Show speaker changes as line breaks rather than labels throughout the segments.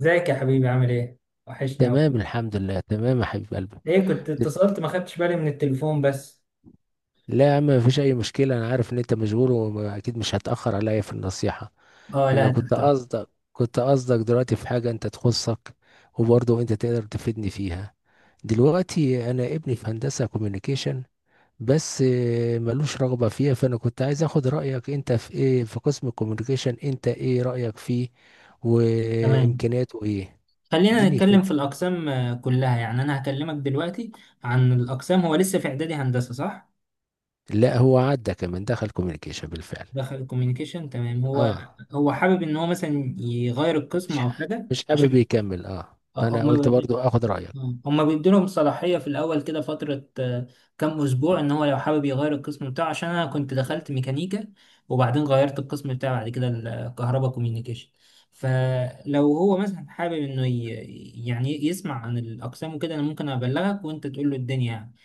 ازيك يا حبيبي؟ عامل ايه؟ وحشني اوي.
تمام الحمد لله تمام يا حبيب قلبي.
ايه، كنت
دل-
اتصلت ما خدتش بالي من التليفون بس.
لا يا عم، مفيش اي مشكله، انا عارف ان انت مشغول واكيد مش هتاخر عليا في النصيحه.
اه لا
انا
يا
كنت
دكتور.
قصدك كنت قصدك دلوقتي في حاجه انت تخصك، وبرضه انت تقدر تفيدني فيها. دلوقتي انا ابني في هندسه كوميونيكيشن، بس ملوش رغبه فيها، فانا كنت عايز اخد رايك انت في ايه، في قسم الكوميونيكيشن انت ايه رايك فيه
تمام،
وامكانياته ايه؟
خلينا
اديني
نتكلم في
فكره.
الاقسام كلها يعني. انا هكلمك دلوقتي عن الاقسام. هو لسه في اعدادي هندسة صح؟
لا، هو عدى كمان، دخل كوميونيكيشن بالفعل.
دخل كوميونيكيشن تمام. هو
اه.
هو حابب ان هو مثلا يغير القسم
مش
او حاجة
مش حابب يكمل، اه، فانا قلت
عشان
برضو اخد رايك.
هما بيدولهم صلاحية في الأول كده فترة، كام أسبوع، إن هو لو حابب يغير القسم بتاعه. عشان أنا كنت دخلت ميكانيكا وبعدين غيرت القسم بتاعي بعد كده الكهرباء كوميونيكيشن. فلو هو مثلا حابب يعني يسمع عن الأقسام وكده، أنا ممكن أبلغك وأنت تقول له الدنيا يعني.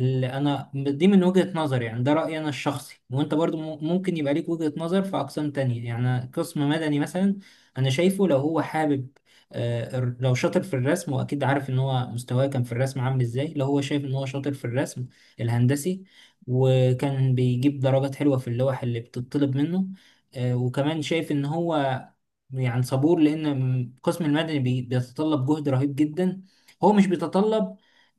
اللي انا دي من وجهة نظري، يعني ده رأيي انا الشخصي، وانت برضو ممكن يبقى ليك وجهة نظر في اقسام تانية، يعني قسم مدني مثلا. انا شايفه لو هو حابب، لو شاطر في الرسم، واكيد عارف ان هو مستواه كان في الرسم عامل ازاي، لو هو شايف ان هو شاطر في الرسم الهندسي، وكان بيجيب درجات حلوة في اللوح اللي بتطلب منه، وكمان شايف ان هو يعني صبور، لان القسم المدني بيتطلب جهد رهيب جدا. هو مش بيتطلب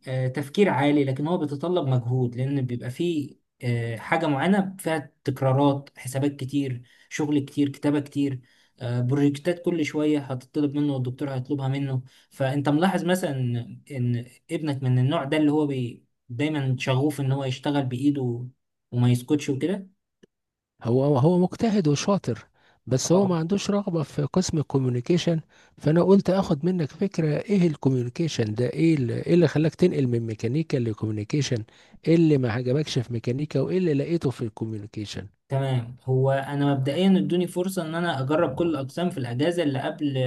تفكير عالي، لكن هو بيتطلب مجهود، لان بيبقى فيه حاجة معينة فيها تكرارات حسابات كتير، شغل كتير، كتابة كتير، بروجكتات كل شوية هتطلب منه والدكتور هيطلبها منه. فانت ملاحظ مثلا إن ابنك من النوع ده اللي هو بي دايما شغوف ان هو يشتغل بايده وما يسكتش وكده.
هو مجتهد وشاطر، بس هو ما عندوش رغبه في قسم الكوميونيكيشن. فانا قلت اخد منك فكره، ايه الكوميونيكيشن ده، إيه اللي خلاك تنقل من ميكانيكا لكوميونيكيشن؟ ايه اللي ما عجبكش في ميكانيكا وايه اللي لقيته في الكوميونيكيشن؟
تمام، هو انا مبدئيا ادوني فرصه ان انا اجرب كل الاقسام في الاجازه اللي قبل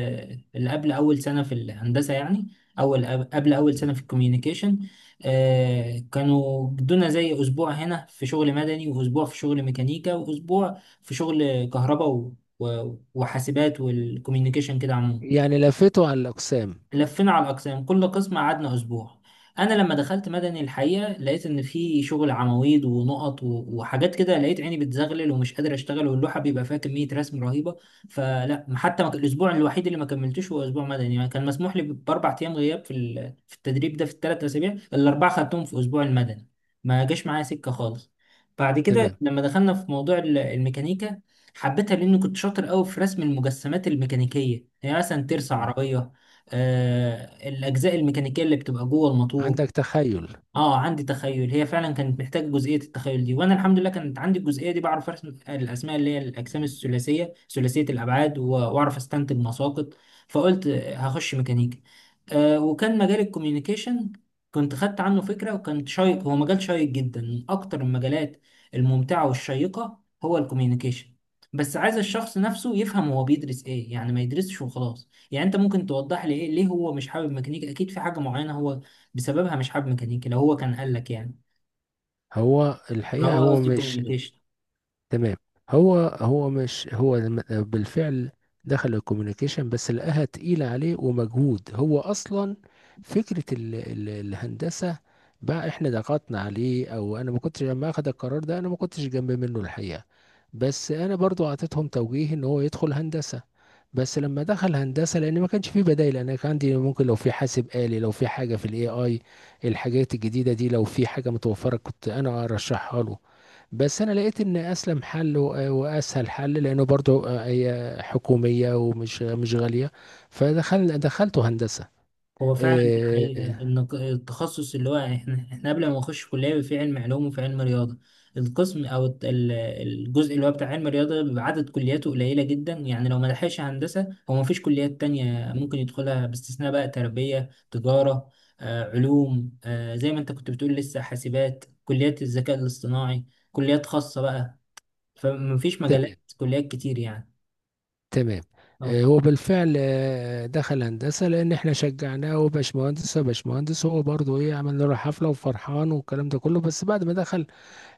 اللي قبل اول سنه في الهندسه، يعني اول قبل اول سنه في الكوميونيكيشن. آه، كانوا ادونا زي اسبوع هنا في شغل مدني، واسبوع في شغل ميكانيكا، واسبوع في شغل كهرباء وحاسبات والكوميونيكيشن كده عموما.
يعني لفيته على الاقسام.
لفينا على الأقسام، كل قسم قعدنا أسبوع. أنا لما دخلت مدني الحقيقة لقيت إن في شغل عواميد ونقط وحاجات كده، لقيت عيني بتزغلل ومش قادر أشتغل، واللوحة بيبقى فيها كمية رسم رهيبة. فلا، حتى ما ك- الأسبوع الوحيد اللي ما كملتوش هو أسبوع مدني، يعني كان مسموح لي بأربع أيام غياب في في التدريب ده في الثلاث أسابيع، الأربعة خدتهم في أسبوع المدني. ما جاش معايا سكة خالص. بعد كده
تمام.
لما دخلنا في موضوع الميكانيكا، حبيتها لأني كنت شاطر قوي في رسم المجسمات الميكانيكية، يعني مثلا ترس
مم.
عربية، الأجزاء الميكانيكية اللي بتبقى جوه الموتور.
عندك تخيل.
اه، عندي تخيل. هي فعلا كانت محتاج جزئيه التخيل دي، وانا الحمد لله كانت عندي الجزئيه دي، بعرف ارسم الاسماء اللي هي الاجسام الثلاثيه ثلاثيه الابعاد واعرف استنتج مساقط. فقلت هخش ميكانيكا. آه، وكان مجال الكوميونيكيشن كنت خدت عنه فكره وكان شيق، هو مجال شيق جدا، من اكتر المجالات الممتعه والشيقه هو الكوميونيكيشن. بس عايز الشخص نفسه يفهم هو بيدرس ايه، يعني ما يدرسش وخلاص. يعني انت ممكن توضح لي ايه ليه هو مش حابب ميكانيكا؟ اكيد في حاجه معينه هو بسببها مش حابب ميكانيكا، لو هو كان قال لك يعني.
هو
لو
الحقيقه
هو،
هو
قصدي،
مش.
كوميونيكيشن.
تمام. هو هو مش هو بالفعل دخل الكوميونيكيشن، بس لقاها تقيلة عليه ومجهود. هو أصلا فكرة ال الهندسة بقى احنا ضغطنا عليه، او انا ما كنتش لما اخد القرار ده، انا ما كنتش جنب منه الحقيقة. بس انا برضو اعطيتهم توجيه ان هو يدخل هندسة، بس لما دخل هندسة لان ما كانش فيه بدائل. انا كان عندي ممكن لو في حاسب آلي، لو في حاجة في الاي اي، الحاجات الجديدة دي، لو في حاجة متوفرة كنت انا ارشحها له. بس انا لقيت ان اسلم حل واسهل حل، لانه برضو هي حكوميه ومش مش غاليه. دخلته هندسه.
هو فعلا
آه،
الحقيقة إن التخصص اللي هو إحنا قبل ما نخش كلية في علم علوم وفي علم رياضة، القسم أو الجزء اللي هو بتاع علم الرياضة بيبقى عدد كلياته قليلة جدا، يعني لو ما لحقش هندسة هو ما فيش كليات تانية ممكن يدخلها باستثناء بقى تربية، تجارة، علوم، زي ما أنت كنت بتقول، لسه حاسبات، كليات الذكاء الاصطناعي، كليات خاصة بقى. فمفيش
تمام
مجالات كليات كتير يعني.
تمام.
اه.
هو بالفعل دخل هندسه لان احنا شجعناه، وباشمهندس باشمهندس، هو برضو ايه، عملنا له حفله وفرحان والكلام ده كله. بس بعد ما دخل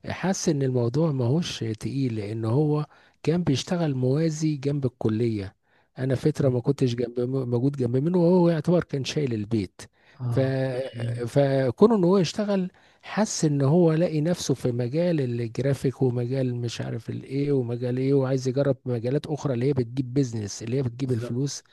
حس ان الموضوع ماهوش تقيل، لان هو كان بيشتغل موازي جنب الكلية. انا فترة ما كنتش موجود جنب منه، وهو يعتبر كان شايل البيت. ف...
اه صحيح.
فكون ان هو يشتغل، حس ان هو لاقي نفسه في مجال الجرافيك ومجال مش عارف الايه ومجال ايه، وعايز يجرب مجالات اخرى اللي هي بتجيب بيزنس، اللي هي بتجيب
بالظبط.
الفلوس.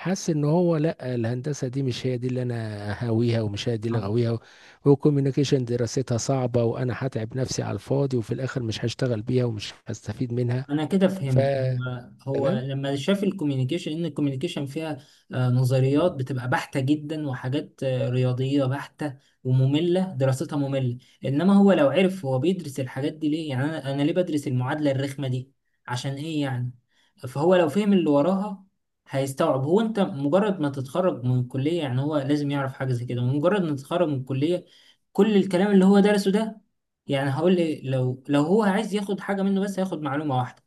حاسس ان هو لا، الهندسه دي مش هي دي اللي انا هاويها ومش هي دي اللي
اه،
غاويها، والكوميونيكيشن دراستها صعبه، وانا هتعب نفسي على الفاضي وفي الاخر مش هشتغل بيها ومش هستفيد منها.
انا كده
ف
فهمت. هو هو
تمام.
لما شاف الكوميونيكيشن ان الكوميونيكيشن فيها آه نظريات بتبقى بحتة جدا وحاجات آه رياضية بحتة ومملة، دراستها مملة. انما هو لو عرف هو بيدرس الحاجات دي ليه، يعني انا انا ليه بدرس المعادلة الرخمة دي عشان ايه يعني؟ فهو لو فهم اللي وراها هيستوعب. هو انت مجرد ما تتخرج من الكلية، يعني هو لازم يعرف حاجة زي كده، مجرد ما تتخرج من الكلية كل الكلام اللي هو درسه ده يعني. هقول لي لو هو عايز ياخد حاجة منه، بس هياخد معلومة واحدة،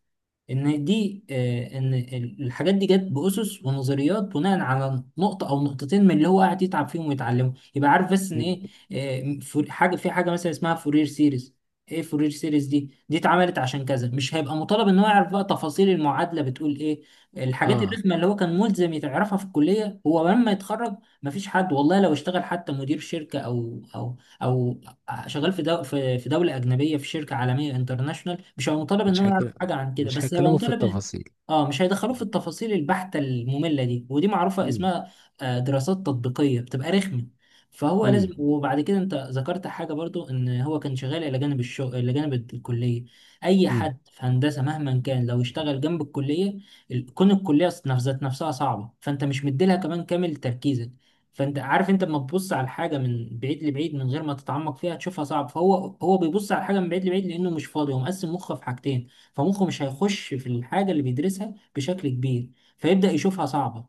ان دي ان الحاجات دي جت باسس ونظريات بناء على نقطه او نقطتين من اللي هو قاعد يتعب فيهم ويتعلمه، يبقى عارف بس ان
مم.
ايه. حاجه، في حاجه مثلا اسمها فورير سيريز، ايه فورير سيريز دي اتعملت عشان كذا. مش هيبقى مطالب ان هو يعرف بقى تفاصيل المعادله بتقول ايه. الحاجات
اه،
الرخمه اللي هو كان ملزم يعرفها في الكليه، هو لما يتخرج مفيش حد، والله لو اشتغل حتى مدير شركه، او شغال في دو في في دوله اجنبيه في شركه عالميه انترناشونال، مش هيبقى مطالب ان
مش
هو
هيك
يعرف حاجه عن كده،
مش
بس هيبقى
هيكلموا في
مطالب
التفاصيل.
اه، مش هيدخلوه في التفاصيل البحته الممله دي، ودي معروفه
امم
اسمها دراسات تطبيقيه، بتبقى رخمه. فهو لازم. وبعد كده انت ذكرت حاجه برضو، ان هو كان شغال الى جانب الشغل، الى جانب الكليه. اي
امم
حد في هندسه مهما كان لو اشتغل جنب الكليه، كون الكليه ذات نفسها صعبه، فانت مش مديلها كمان كامل تركيزك. فانت عارف انت لما تبص على الحاجه من بعيد لبعيد من غير ما تتعمق فيها تشوفها صعب. فهو، هو بيبص على الحاجه من بعيد لبعيد لانه مش فاضي، هو مقسم مخه في حاجتين، فمخه مش هيخش في الحاجه اللي بيدرسها بشكل كبير، فيبدا يشوفها صعبه.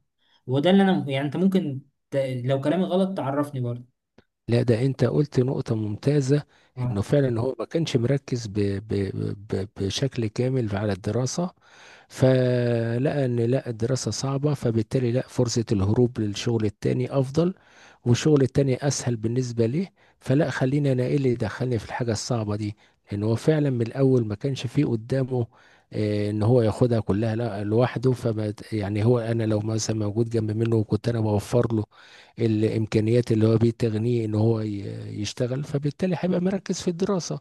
وده اللي انا يعني انت ممكن ت... لو كلامي غلط تعرفني برضه.
لا، ده انت قلت نقطة ممتازة،
اه،
انه فعلا هو ما كانش مركز بشكل كامل على الدراسة، فلقى ان لا، الدراسة صعبة، فبالتالي لا، فرصة الهروب للشغل التاني افضل، والشغل التاني اسهل بالنسبة ليه. فلا خلينا، انا ايه اللي دخلني في الحاجة الصعبة دي؟ لان هو فعلا من الاول ما كانش فيه قدامه ان هو ياخدها كلها لا لوحده، فما يعني، هو انا لو مثلا موجود جنب منه وكنت انا بوفر له الامكانيات اللي هو بتغنيه ان هو يشتغل، فبالتالي هيبقى مركز في الدراسه،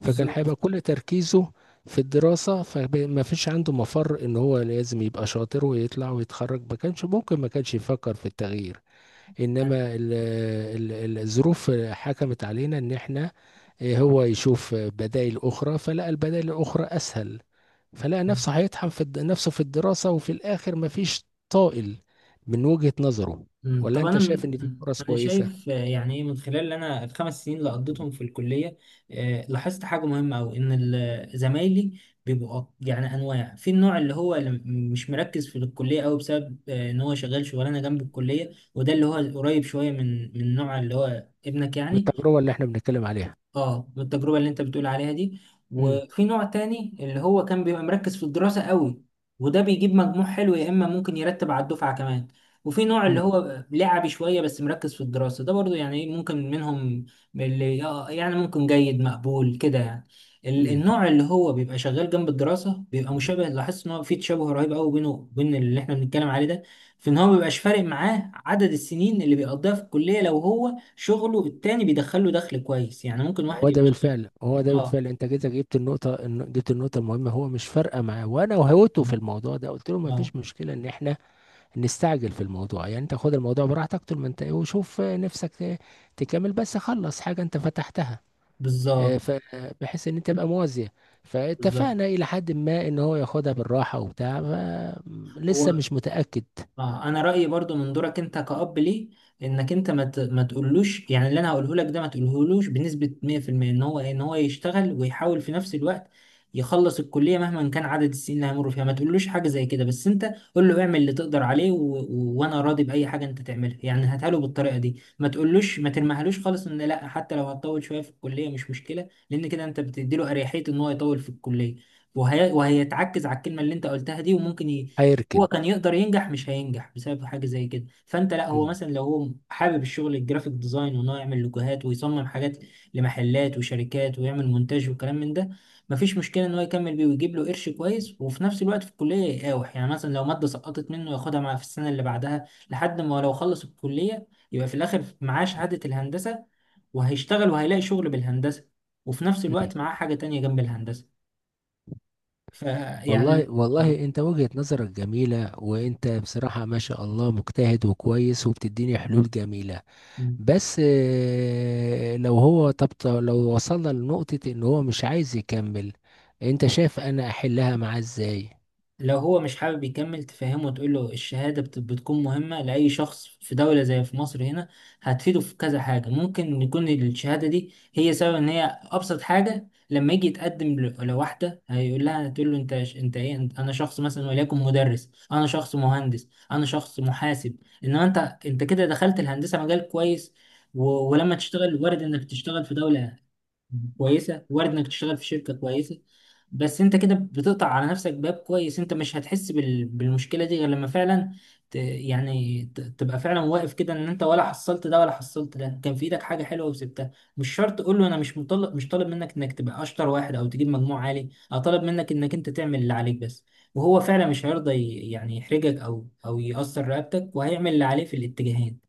فكان هيبقى
بالظبط.
كل تركيزه في الدراسه، فما فيش عنده مفر ان هو لازم يبقى شاطر ويطلع ويتخرج. ما كانش ممكن، ما كانش يفكر في التغيير، انما الظروف حكمت علينا ان احنا هو يشوف بدائل اخرى، فلقى البدائل الاخرى اسهل، فلقى نفسه هيطحن نفسه في الدراسة وفي الآخر مفيش طائل من وجهة نظره. ولا
طب
أنت
انا
شايف
من
إن في فرص
انا
كويسة
شايف، يعني ايه من خلال اللي انا الخمس سنين اللي قضيتهم في الكليه، لاحظت حاجه مهمه قوي، ان زمايلي بيبقوا يعني انواع. في النوع اللي هو مش مركز في الكليه قوي بسبب ان هو شغال شغلانه جنب الكليه، وده اللي هو قريب شويه من من النوع اللي هو ابنك
من
يعني.
التجربة اللي إحنا بنتكلم عليها؟
اه، بالتجربة اللي انت بتقول عليها دي.
امم
وفي نوع تاني اللي هو كان بيبقى مركز في الدراسة قوي، وده بيجيب مجموع حلو، يا اما ممكن يرتب على الدفعة كمان. وفي نوع اللي
امم
هو لعبي شوية بس مركز في الدراسة، ده برضو يعني إيه، ممكن منهم اللي، يعني ممكن جيد مقبول كده يعني.
امم
النوع اللي هو بيبقى شغال جنب الدراسة بيبقى مشابه، لاحظت ان هو في تشابه رهيب قوي بينه وبين اللي احنا بنتكلم عليه ده، في ان هو مبيبقاش فارق معاه عدد السنين اللي بيقضيها في الكلية لو هو شغله التاني بيدخله دخل كويس. يعني ممكن
هو
واحد
ده
يبقى
بالفعل هو ده
اه.
بالفعل أنت كده جبت النقطة المهمة، هو مش فارقة معاه، وأنا وهوته في الموضوع ده قلت له
اه. آه،
مفيش مشكلة إن إحنا نستعجل في الموضوع، يعني انت خد الموضوع براحتك طول ما انت ايه، وشوف نفسك تكمل، بس خلص حاجة انت فتحتها، آه،
بالظبط.
ف- بحيث ان انت تبقى موازية.
بالظبط.
فاتفقنا الى حد ما ان هو ياخدها بالراحة وبتاع
هو،
لسه مش متأكد.
اه انا رايي برضو من دورك انت كأب ليه، انك انت ما تقولوش، يعني اللي انا هقوله لك ده ما تقولهولوش بنسبه 100% ان هو يشتغل ويحاول في نفس الوقت يخلص الكليه مهما كان عدد السنين اللي هيمر فيها. ما تقولوش حاجه زي كده. بس انت قول له اعمل اللي تقدر عليه، وانا راضي باي حاجه انت تعملها. يعني هاتها له بالطريقه دي، ما تقولوش، ما ترميهالوش خالص، ان لا حتى لو هتطول شويه في الكليه مش مشكله، لان كده انت بتدي له اريحيه ان هو يطول في الكليه وهيتعكز على الكلمه اللي انت قلتها دي. وممكن
هيركن.
هو كان يقدر ينجح مش هينجح بسبب حاجة زي كده. فانت لا، هو
مم.
مثلا لو هو حابب الشغل الجرافيك ديزاين، وان هو يعمل لوجوهات ويصمم حاجات لمحلات وشركات ويعمل مونتاج وكلام من ده، مفيش مشكلة ان هو يكمل بيه ويجيب له قرش كويس، وفي نفس الوقت في الكلية يقاوح، يعني مثلا لو مادة سقطت منه ياخدها مع في السنة اللي بعدها لحد ما لو خلص الكلية يبقى في الاخر معاه شهادة الهندسة، وهيشتغل وهيلاقي شغل بالهندسة، وفي نفس
مم.
الوقت معاه حاجة تانية جنب الهندسة
والله
فيعني.
والله انت وجهة نظرك جميلة، وانت بصراحة ما شاء الله مجتهد وكويس وبتديني حلول جميلة. بس لو هو طب لو وصلنا لنقطة ان هو مش عايز يكمل، انت شايف انا احلها معاه ازاي؟
لو هو مش حابب يكمل، تفهمه وتقول له الشهادة بتكون مهمة لأي شخص في دولة زي في مصر هنا، هتفيده في كذا حاجة. ممكن يكون الشهادة دي هي سبب، إن هي أبسط حاجة لما يجي يتقدم لواحدة، هيقول لها، هتقول له أنت أنا شخص مثلا وليكن مدرس، أنا شخص مهندس، أنا شخص محاسب. إنما أنت، أنت كده دخلت الهندسة مجال كويس، ولما تشتغل وارد إنك تشتغل في دولة كويسه، وارد انك تشتغل في شركه كويسه. بس انت كده بتقطع على نفسك باب كويس. انت مش هتحس بالمشكله دي غير لما فعلا تبقى فعلا واقف كده ان انت ولا حصلت ده ولا حصلت ده، كان في ايدك حاجه حلوه وسبتها. مش شرط تقول له انا مش طالب منك انك تبقى اشطر واحد او تجيب مجموع عالي، انا طالب منك انك انت تعمل اللي عليك بس. وهو فعلا مش هيرضى يعني يحرجك او يأثر رقبتك، وهيعمل اللي عليه في الاتجاهين.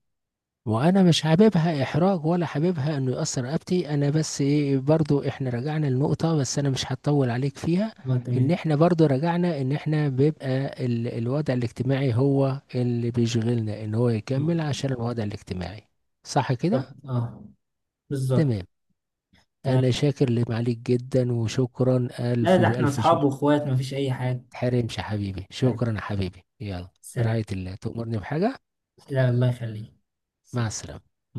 وانا مش حاببها احراج ولا حاببها انه يأثر رقبتي، انا بس ايه، برضو احنا رجعنا لنقطة، بس انا مش هطول عليك فيها.
اه
ان
تمام.
احنا برضو رجعنا ان احنا بيبقى الوضع الاجتماعي هو اللي بيشغلنا، ان هو يكمل
اه.
عشان الوضع الاجتماعي. صح
طب
كده؟
اه. بالظبط.
تمام. انا شاكر لمعاليك جدا، وشكرا
لا،
الف
ده احنا
الف شكر.
اصحاب واخوات، مفيش اي حاجة.
تحرمش يا حبيبي،
طيب.
شكرا يا حبيبي، يلا. في
سلام.
رعاية الله، تؤمرني بحاجة.
لا، الله يخليك.
مع
سلام.
السلامة.